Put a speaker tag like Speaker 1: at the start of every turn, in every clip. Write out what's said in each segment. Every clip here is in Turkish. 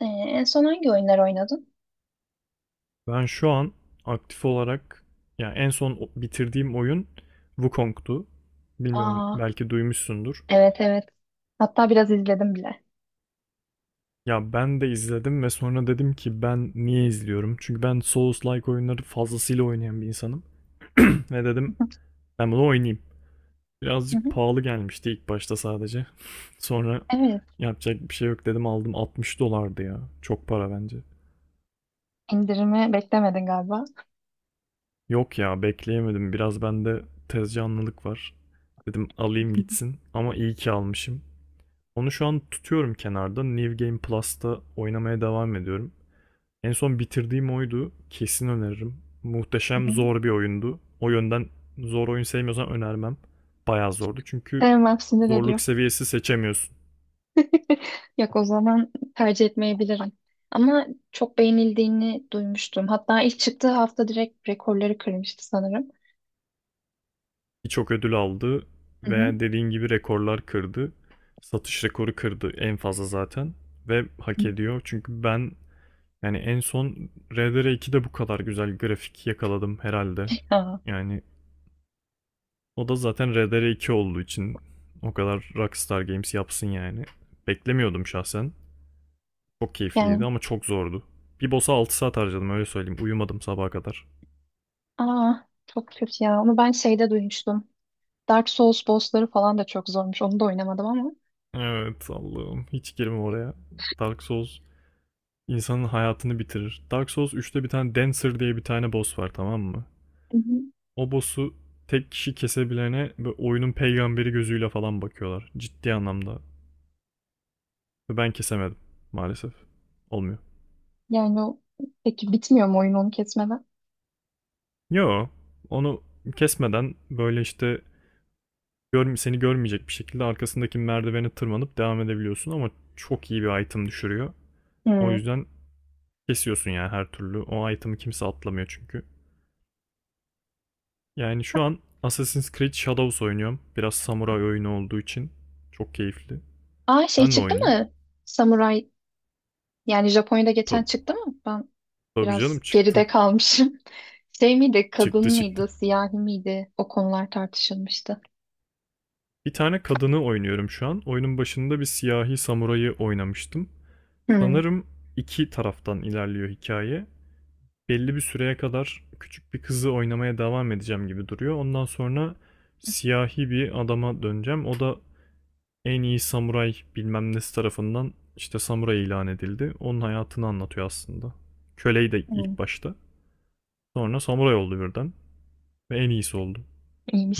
Speaker 1: En son hangi oyunlar oynadın?
Speaker 2: Ben şu an aktif olarak yani en son bitirdiğim oyun Wukong'tu. Bilmiyorum
Speaker 1: Aa,
Speaker 2: belki duymuşsundur.
Speaker 1: evet evet. Hatta biraz izledim bile.
Speaker 2: Ya ben de izledim ve sonra dedim ki ben niye izliyorum? Çünkü ben Souls-like oyunları fazlasıyla oynayan bir insanım. Ve
Speaker 1: Hı
Speaker 2: dedim
Speaker 1: hı.
Speaker 2: ben bunu oynayayım.
Speaker 1: Hı
Speaker 2: Birazcık
Speaker 1: hı.
Speaker 2: pahalı gelmişti ilk başta sadece. Sonra
Speaker 1: Evet.
Speaker 2: yapacak bir şey yok dedim aldım 60 dolardı ya. Çok para bence.
Speaker 1: İndirimi beklemedin galiba.
Speaker 2: Yok ya bekleyemedim. Biraz bende tezcanlılık var. Dedim alayım
Speaker 1: Hı
Speaker 2: gitsin. Ama iyi ki almışım. Onu şu an tutuyorum kenarda. New Game Plus'ta oynamaya devam ediyorum. En son bitirdiğim oydu. Kesin öneririm. Muhteşem
Speaker 1: hı.
Speaker 2: zor bir oyundu. O yönden zor oyun sevmiyorsan önermem. Bayağı zordu çünkü
Speaker 1: Sevmem, sinir
Speaker 2: zorluk
Speaker 1: ediyor.
Speaker 2: seviyesi seçemiyorsun.
Speaker 1: Yok, o zaman tercih etmeyebilirim. Ama çok beğenildiğini duymuştum. Hatta ilk çıktığı hafta direkt rekorları kırmıştı sanırım.
Speaker 2: Birçok ödül aldı
Speaker 1: Hı hı.
Speaker 2: ve dediğin gibi rekorlar kırdı. Satış rekoru kırdı en fazla zaten ve hak ediyor. Çünkü ben yani en son RDR2'de bu kadar güzel grafik yakaladım herhalde.
Speaker 1: Aa,
Speaker 2: Yani o da zaten RDR2 olduğu için o kadar Rockstar Games yapsın yani. Beklemiyordum şahsen. Çok keyifliydi
Speaker 1: yani
Speaker 2: ama çok zordu. Bir boss'a 6 saat harcadım öyle söyleyeyim. Uyumadım sabaha kadar.
Speaker 1: aa, çok kötü ya. Onu ben şeyde duymuştum. Dark Souls bossları falan da çok zormuş. Onu da oynamadım ama.
Speaker 2: Evet Allah'ım hiç girme oraya. Dark Souls insanın hayatını bitirir. Dark Souls üçte bir tane Dancer diye bir tane boss var tamam mı? O boss'u tek kişi kesebilene oyunun peygamberi gözüyle falan bakıyorlar. Ciddi anlamda. Ve ben kesemedim maalesef. Olmuyor.
Speaker 1: Yani o, peki bitmiyor mu oyun onu kesmeden?
Speaker 2: Yo, onu kesmeden böyle işte seni görmeyecek bir şekilde arkasındaki merdivene tırmanıp devam edebiliyorsun ama çok iyi bir item düşürüyor. O
Speaker 1: Hmm.
Speaker 2: yüzden kesiyorsun yani her türlü. O item'ı kimse atlamıyor çünkü. Yani şu an Assassin's Creed Shadows oynuyorum. Biraz samuray oyunu olduğu için çok keyifli.
Speaker 1: Aa, şey
Speaker 2: Sen ne
Speaker 1: çıktı
Speaker 2: oynuyorsun?
Speaker 1: mı? Samuray, yani Japonya'da geçen
Speaker 2: Tabii,
Speaker 1: çıktı mı? Ben
Speaker 2: tabii canım
Speaker 1: biraz geride
Speaker 2: çıktı.
Speaker 1: kalmışım. Şey miydi? Kadın
Speaker 2: Çıktı çıktı.
Speaker 1: mıydı? Siyahi miydi? O konular tartışılmıştı.
Speaker 2: Bir tane kadını oynuyorum şu an. Oyunun başında bir siyahi samurayı oynamıştım.
Speaker 1: Hmm.
Speaker 2: Sanırım iki taraftan ilerliyor hikaye. Belli bir süreye kadar küçük bir kızı oynamaya devam edeceğim gibi duruyor. Ondan sonra siyahi bir adama döneceğim. O da en iyi samuray bilmem nesi tarafından işte samuray ilan edildi. Onun hayatını anlatıyor aslında. Köleyi de
Speaker 1: Hmm.
Speaker 2: ilk başta. Sonra samuray oldu birden. Ve en iyisi oldu.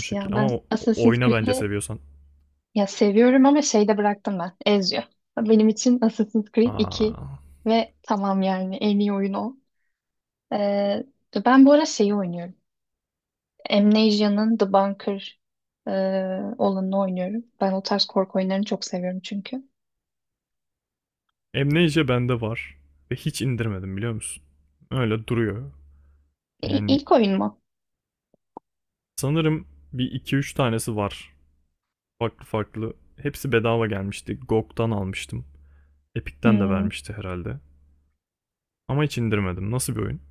Speaker 2: O
Speaker 1: ya.
Speaker 2: şekil.
Speaker 1: Ben
Speaker 2: Ama
Speaker 1: Assassin's
Speaker 2: oyna bence
Speaker 1: Creed'i,
Speaker 2: seviyorsan.
Speaker 1: ya seviyorum ama şeyde bıraktım ben. Ezio. Benim için Assassin's Creed 2
Speaker 2: Aa.
Speaker 1: ve tamam, yani en iyi oyun o. Ee, Ben bu ara şeyi oynuyorum. Amnesia'nın The Bunker e, olanını oynuyorum. Ben o tarz korku oyunlarını çok seviyorum çünkü.
Speaker 2: Amnesia bende var. Ve hiç indirmedim biliyor musun? Öyle duruyor. Yani
Speaker 1: İlk oyun mu?
Speaker 2: sanırım bir iki üç tanesi var farklı farklı. Hepsi bedava gelmişti. GOG'dan almıştım. Epic'ten de
Speaker 1: Hmm.
Speaker 2: vermişti herhalde. Ama hiç indirmedim. Nasıl bir oyun?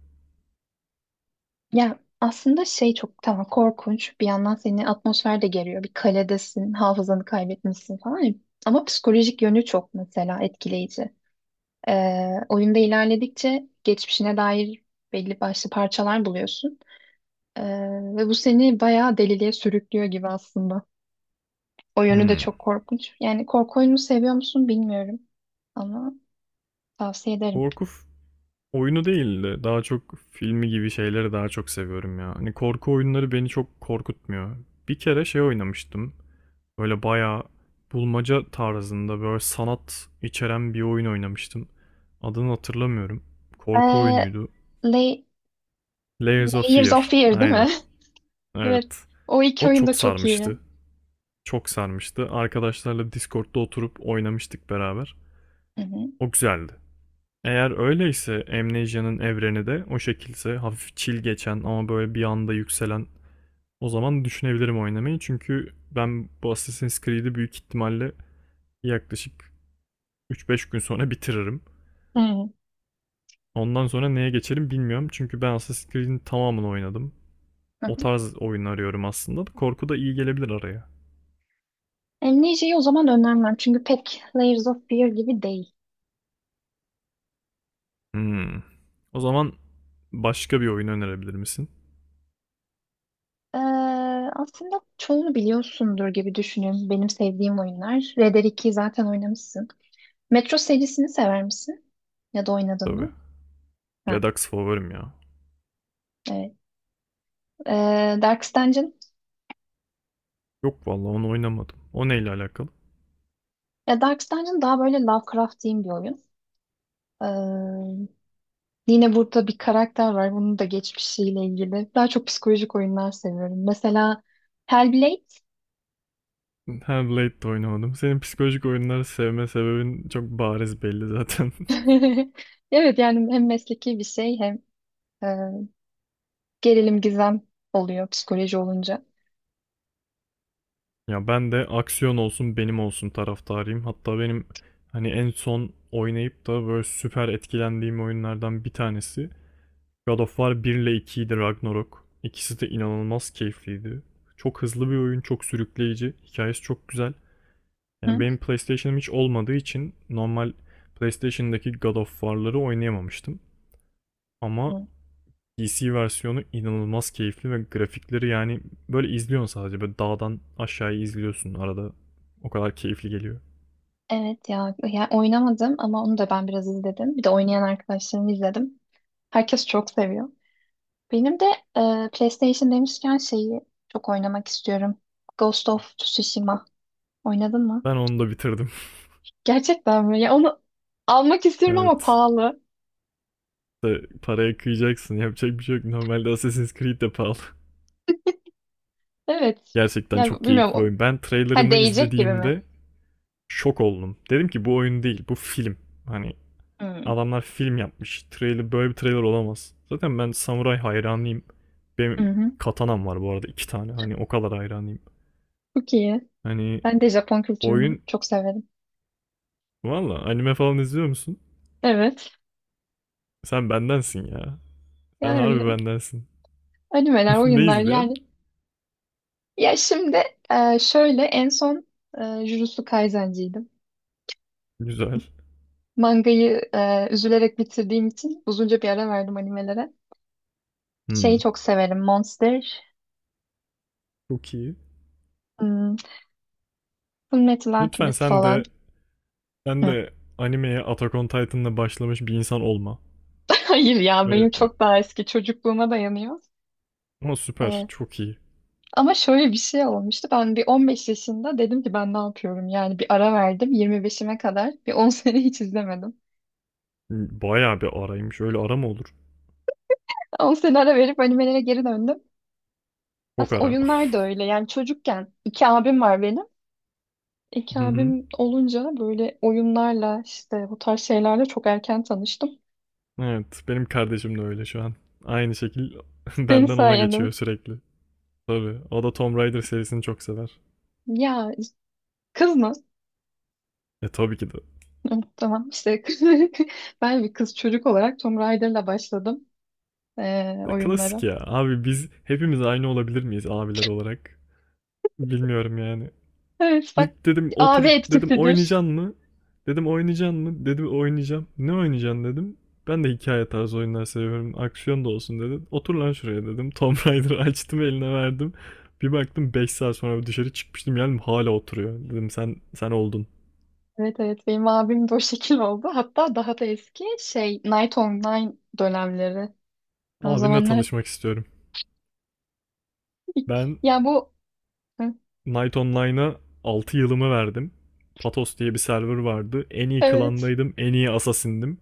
Speaker 1: Ya aslında şey çok, tamam, korkunç. Bir yandan seni atmosfer de geriyor. Bir kaledesin, hafızanı kaybetmişsin falan ya. Ama psikolojik yönü çok, mesela, etkileyici. Oyunda ilerledikçe geçmişine dair belli başlı parçalar buluyorsun. Ee, Ve bu seni bayağı deliliğe sürüklüyor gibi aslında. O yönü de
Speaker 2: Hmm.
Speaker 1: çok korkunç. Yani korku oyunu seviyor musun bilmiyorum ama tavsiye ederim.
Speaker 2: Korku oyunu değildi. Daha çok filmi gibi şeyleri daha çok seviyorum ya. Hani korku oyunları beni çok korkutmuyor. Bir kere şey oynamıştım. Böyle bayağı bulmaca tarzında böyle sanat içeren bir oyun oynamıştım. Adını hatırlamıyorum. Korku
Speaker 1: Ee,
Speaker 2: oyunuydu.
Speaker 1: Lay-
Speaker 2: Layers of
Speaker 1: Layers
Speaker 2: Fear.
Speaker 1: of Fear değil mi?
Speaker 2: Aynen.
Speaker 1: Evet.
Speaker 2: Evet.
Speaker 1: O iki
Speaker 2: O
Speaker 1: oyun
Speaker 2: çok
Speaker 1: da çok
Speaker 2: sarmıştı.
Speaker 1: iyi.
Speaker 2: Çok sarmıştı. Arkadaşlarla Discord'da oturup oynamıştık beraber.
Speaker 1: Hı hı.
Speaker 2: O güzeldi. Eğer öyleyse Amnesia'nın evreni de o şekilse hafif chill geçen ama böyle bir anda yükselen o zaman düşünebilirim oynamayı. Çünkü ben bu Assassin's Creed'i büyük ihtimalle yaklaşık 3-5 gün sonra bitiririm.
Speaker 1: Hı hı.
Speaker 2: Ondan sonra neye geçerim bilmiyorum. Çünkü ben Assassin's Creed'in tamamını oynadım.
Speaker 1: Hı.
Speaker 2: O tarz oyun arıyorum aslında. Korku da iyi gelebilir araya.
Speaker 1: Amnesia'yı o zaman önermem çünkü pek Layers of Fear gibi değil.
Speaker 2: Hmm. O zaman başka bir oyun önerebilir misin?
Speaker 1: Ee, Aslında çoğunu biliyorsundur gibi düşünüyorum. Benim sevdiğim oyunlar. Red Dead 2'yi zaten oynamışsın. Metro serisini sever misin? Ya da oynadın
Speaker 2: Tabii.
Speaker 1: mı? Hı.
Speaker 2: Redux favorim ya.
Speaker 1: Evet. Darkest Dungeon.
Speaker 2: Yok vallahi onu oynamadım. O neyle alakalı?
Speaker 1: Ya Dark Dungeon daha böyle Lovecraft'in bir oyun. Ee, Yine burada bir karakter var. Bunun da geçmişiyle ilgili. Daha çok psikolojik oyunlar seviyorum. Mesela Hellblade.
Speaker 2: Ha Blade de oynamadım. Senin psikolojik oyunları sevme sebebin çok bariz belli zaten.
Speaker 1: Evet, yani hem mesleki bir şey hem e, gerilim, gizem oluyor psikoloji olunca.
Speaker 2: Ya ben de aksiyon olsun benim olsun taraftarıyım. Hatta benim hani en son oynayıp da böyle süper etkilendiğim oyunlardan bir tanesi God of War 1 ile 2'ydi Ragnarok. İkisi de inanılmaz keyifliydi. Çok hızlı bir oyun, çok sürükleyici. Hikayesi çok güzel.
Speaker 1: Hı?
Speaker 2: Yani benim PlayStation'ım hiç olmadığı için normal PlayStation'daki God of War'ları oynayamamıştım. Ama
Speaker 1: Hı.
Speaker 2: PC versiyonu inanılmaz keyifli ve grafikleri yani böyle izliyorsun sadece. Böyle dağdan aşağıya izliyorsun arada. O kadar keyifli geliyor.
Speaker 1: Evet ya, ya oynamadım ama onu da ben biraz izledim. Bir de oynayan arkadaşlarımı izledim. Herkes çok seviyor. Benim de PlayStation demişken şeyi çok oynamak istiyorum. Ghost of Tsushima. Oynadın mı?
Speaker 2: Ben onu da bitirdim.
Speaker 1: Gerçekten mi? Ya onu almak istiyorum ama
Speaker 2: Evet.
Speaker 1: pahalı.
Speaker 2: İşte paraya kıyacaksın. Yapacak bir şey yok. Normalde Assassin's Creed de pahalı.
Speaker 1: Evet.
Speaker 2: Gerçekten
Speaker 1: Ya
Speaker 2: çok
Speaker 1: bilmiyorum.
Speaker 2: keyifli bir oyun. Ben
Speaker 1: Ha,
Speaker 2: trailerını
Speaker 1: değecek gibi mi?
Speaker 2: izlediğimde şok oldum. Dedim ki bu oyun değil, bu film. Hani
Speaker 1: Hmm.
Speaker 2: adamlar film yapmış. Trailer böyle bir trailer olamaz. Zaten ben samuray hayranıyım.
Speaker 1: Hı
Speaker 2: Benim
Speaker 1: hı.
Speaker 2: katanam var bu arada iki tane. Hani o kadar hayranıyım.
Speaker 1: Çok iyi.
Speaker 2: Hani
Speaker 1: Ben de Japon kültürünü
Speaker 2: oyun
Speaker 1: çok severim.
Speaker 2: valla anime falan izliyor musun?
Speaker 1: Evet.
Speaker 2: Sen bendensin ya. Sen harbi
Speaker 1: Yani
Speaker 2: bendensin.
Speaker 1: animeler,
Speaker 2: Ne
Speaker 1: oyunlar
Speaker 2: izleyen?
Speaker 1: yani. Ya şimdi şöyle en son Jujutsu Kaisen'ciydim.
Speaker 2: Güzel.
Speaker 1: Mangayı üzülerek bitirdiğim için uzunca bir ara verdim animelere. Şeyi
Speaker 2: Hmm.
Speaker 1: çok severim. Monster,
Speaker 2: Çok iyi.
Speaker 1: hmm, Fullmetal
Speaker 2: Lütfen
Speaker 1: Alchemist
Speaker 2: sen
Speaker 1: falan.
Speaker 2: de sen de animeye Attack on Titan'la başlamış bir insan olma.
Speaker 1: Hayır ya,
Speaker 2: Öyle,
Speaker 1: benim çok daha eski çocukluğuma dayanıyor.
Speaker 2: ama süper.
Speaker 1: Evet.
Speaker 2: Çok iyi.
Speaker 1: Ama şöyle bir şey olmuştu. Ben bir 15 yaşında dedim ki ben ne yapıyorum? Yani bir ara verdim 25'ime kadar. Bir 10 sene hiç izlemedim.
Speaker 2: Bayağı bir araymış. Öyle ara mı olur?
Speaker 1: 10 sene ara verip animelere geri döndüm.
Speaker 2: Çok
Speaker 1: Aslında
Speaker 2: ara.
Speaker 1: oyunlar da öyle. Yani çocukken iki abim var benim. İki
Speaker 2: Hı hı.
Speaker 1: abim olunca böyle oyunlarla işte bu tarz şeylerle çok erken tanıştım.
Speaker 2: Evet, benim kardeşim de öyle şu an. Aynı şekil
Speaker 1: Senin
Speaker 2: benden ona
Speaker 1: sayende.
Speaker 2: geçiyor sürekli. Tabii, o da Tomb Raider serisini çok sever.
Speaker 1: Ya, kız mı?
Speaker 2: E tabii ki de.
Speaker 1: Tamam işte. Ben bir kız çocuk olarak Tomb Raider'la başladım.
Speaker 2: E, klasik
Speaker 1: Oyunlara.
Speaker 2: ya. Abi biz hepimiz aynı olabilir miyiz abiler olarak? Bilmiyorum yani.
Speaker 1: Evet bak,
Speaker 2: İlk dedim
Speaker 1: abi
Speaker 2: otur dedim
Speaker 1: etkisidir.
Speaker 2: oynayacaksın mı? Dedim oynayacaksın mı? Dedi oynayacağım. Ne oynayacaksın dedim. Ben de hikaye tarzı oyunlar seviyorum. Aksiyon da olsun dedi. Otur lan şuraya dedim. Tomb Raider'ı açtım eline verdim. Bir baktım 5 saat sonra dışarı çıkmıştım yani hala oturuyor. Dedim sen sen oldun.
Speaker 1: Evet evet, benim abim de o şekil oldu. Hatta daha da eski şey Night Online dönemleri. O
Speaker 2: Abinle
Speaker 1: zamanlar
Speaker 2: tanışmak istiyorum. Ben
Speaker 1: ya bu Hı,
Speaker 2: Knight Online'a 6 yılımı verdim. Patos diye bir server vardı. En iyi
Speaker 1: evet
Speaker 2: klandaydım, en iyi assassin'dim.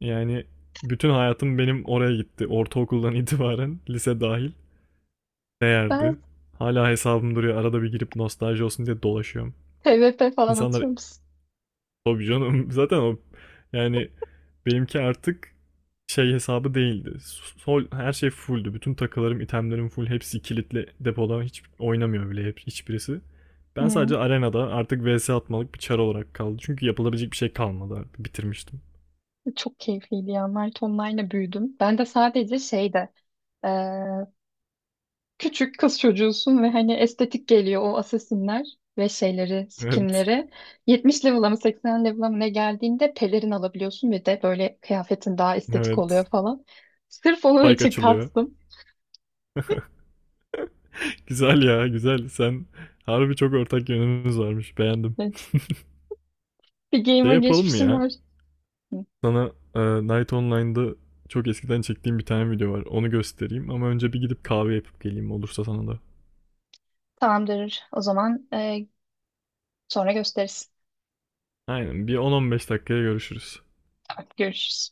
Speaker 2: Yani bütün hayatım benim oraya gitti. Ortaokuldan itibaren, lise dahil. Değerdi.
Speaker 1: ben
Speaker 2: Hala hesabım duruyor. Arada bir girip nostalji olsun diye dolaşıyorum.
Speaker 1: TVP falan
Speaker 2: İnsanlar
Speaker 1: atıyor musun?
Speaker 2: tabii canım zaten o yani benimki artık şey hesabı değildi. Sol, her şey fulldü. Bütün takılarım, itemlerim full. Hepsi kilitli depoda. Hiç oynamıyor bile hep, hiçbirisi. Ben
Speaker 1: Hı.
Speaker 2: sadece arenada artık vs atmalık bir çar olarak kaldı. Çünkü yapılabilecek bir şey kalmadı artık. Bitirmiştim.
Speaker 1: Çok keyifliydi ya. Night Online'la büyüdüm. Ben de sadece şeyde e, küçük kız çocuğusun ve hani estetik geliyor o asesinler ve şeyleri,
Speaker 2: Evet.
Speaker 1: skinleri. 70 level'a mı 80 level'a mı ne geldiğinde pelerin alabiliyorsun ve de böyle kıyafetin daha estetik oluyor
Speaker 2: Evet.
Speaker 1: falan. Sırf onun
Speaker 2: Like
Speaker 1: için
Speaker 2: açılıyor.
Speaker 1: kastım.
Speaker 2: Güzel ya güzel. Sen harbi çok ortak yönümüz varmış. Beğendim.
Speaker 1: Evet. Bir
Speaker 2: Ne
Speaker 1: gamer
Speaker 2: yapalım mı
Speaker 1: geçmişim
Speaker 2: ya?
Speaker 1: var. Hı.
Speaker 2: Sana Night Online'da çok eskiden çektiğim bir tane video var. Onu göstereyim ama önce bir gidip kahve yapıp geleyim olursa sana da.
Speaker 1: Tamamdır. O zaman sonra gösteririz.
Speaker 2: Aynen bir 10-15 dakikaya görüşürüz.
Speaker 1: Tamam, görüşürüz.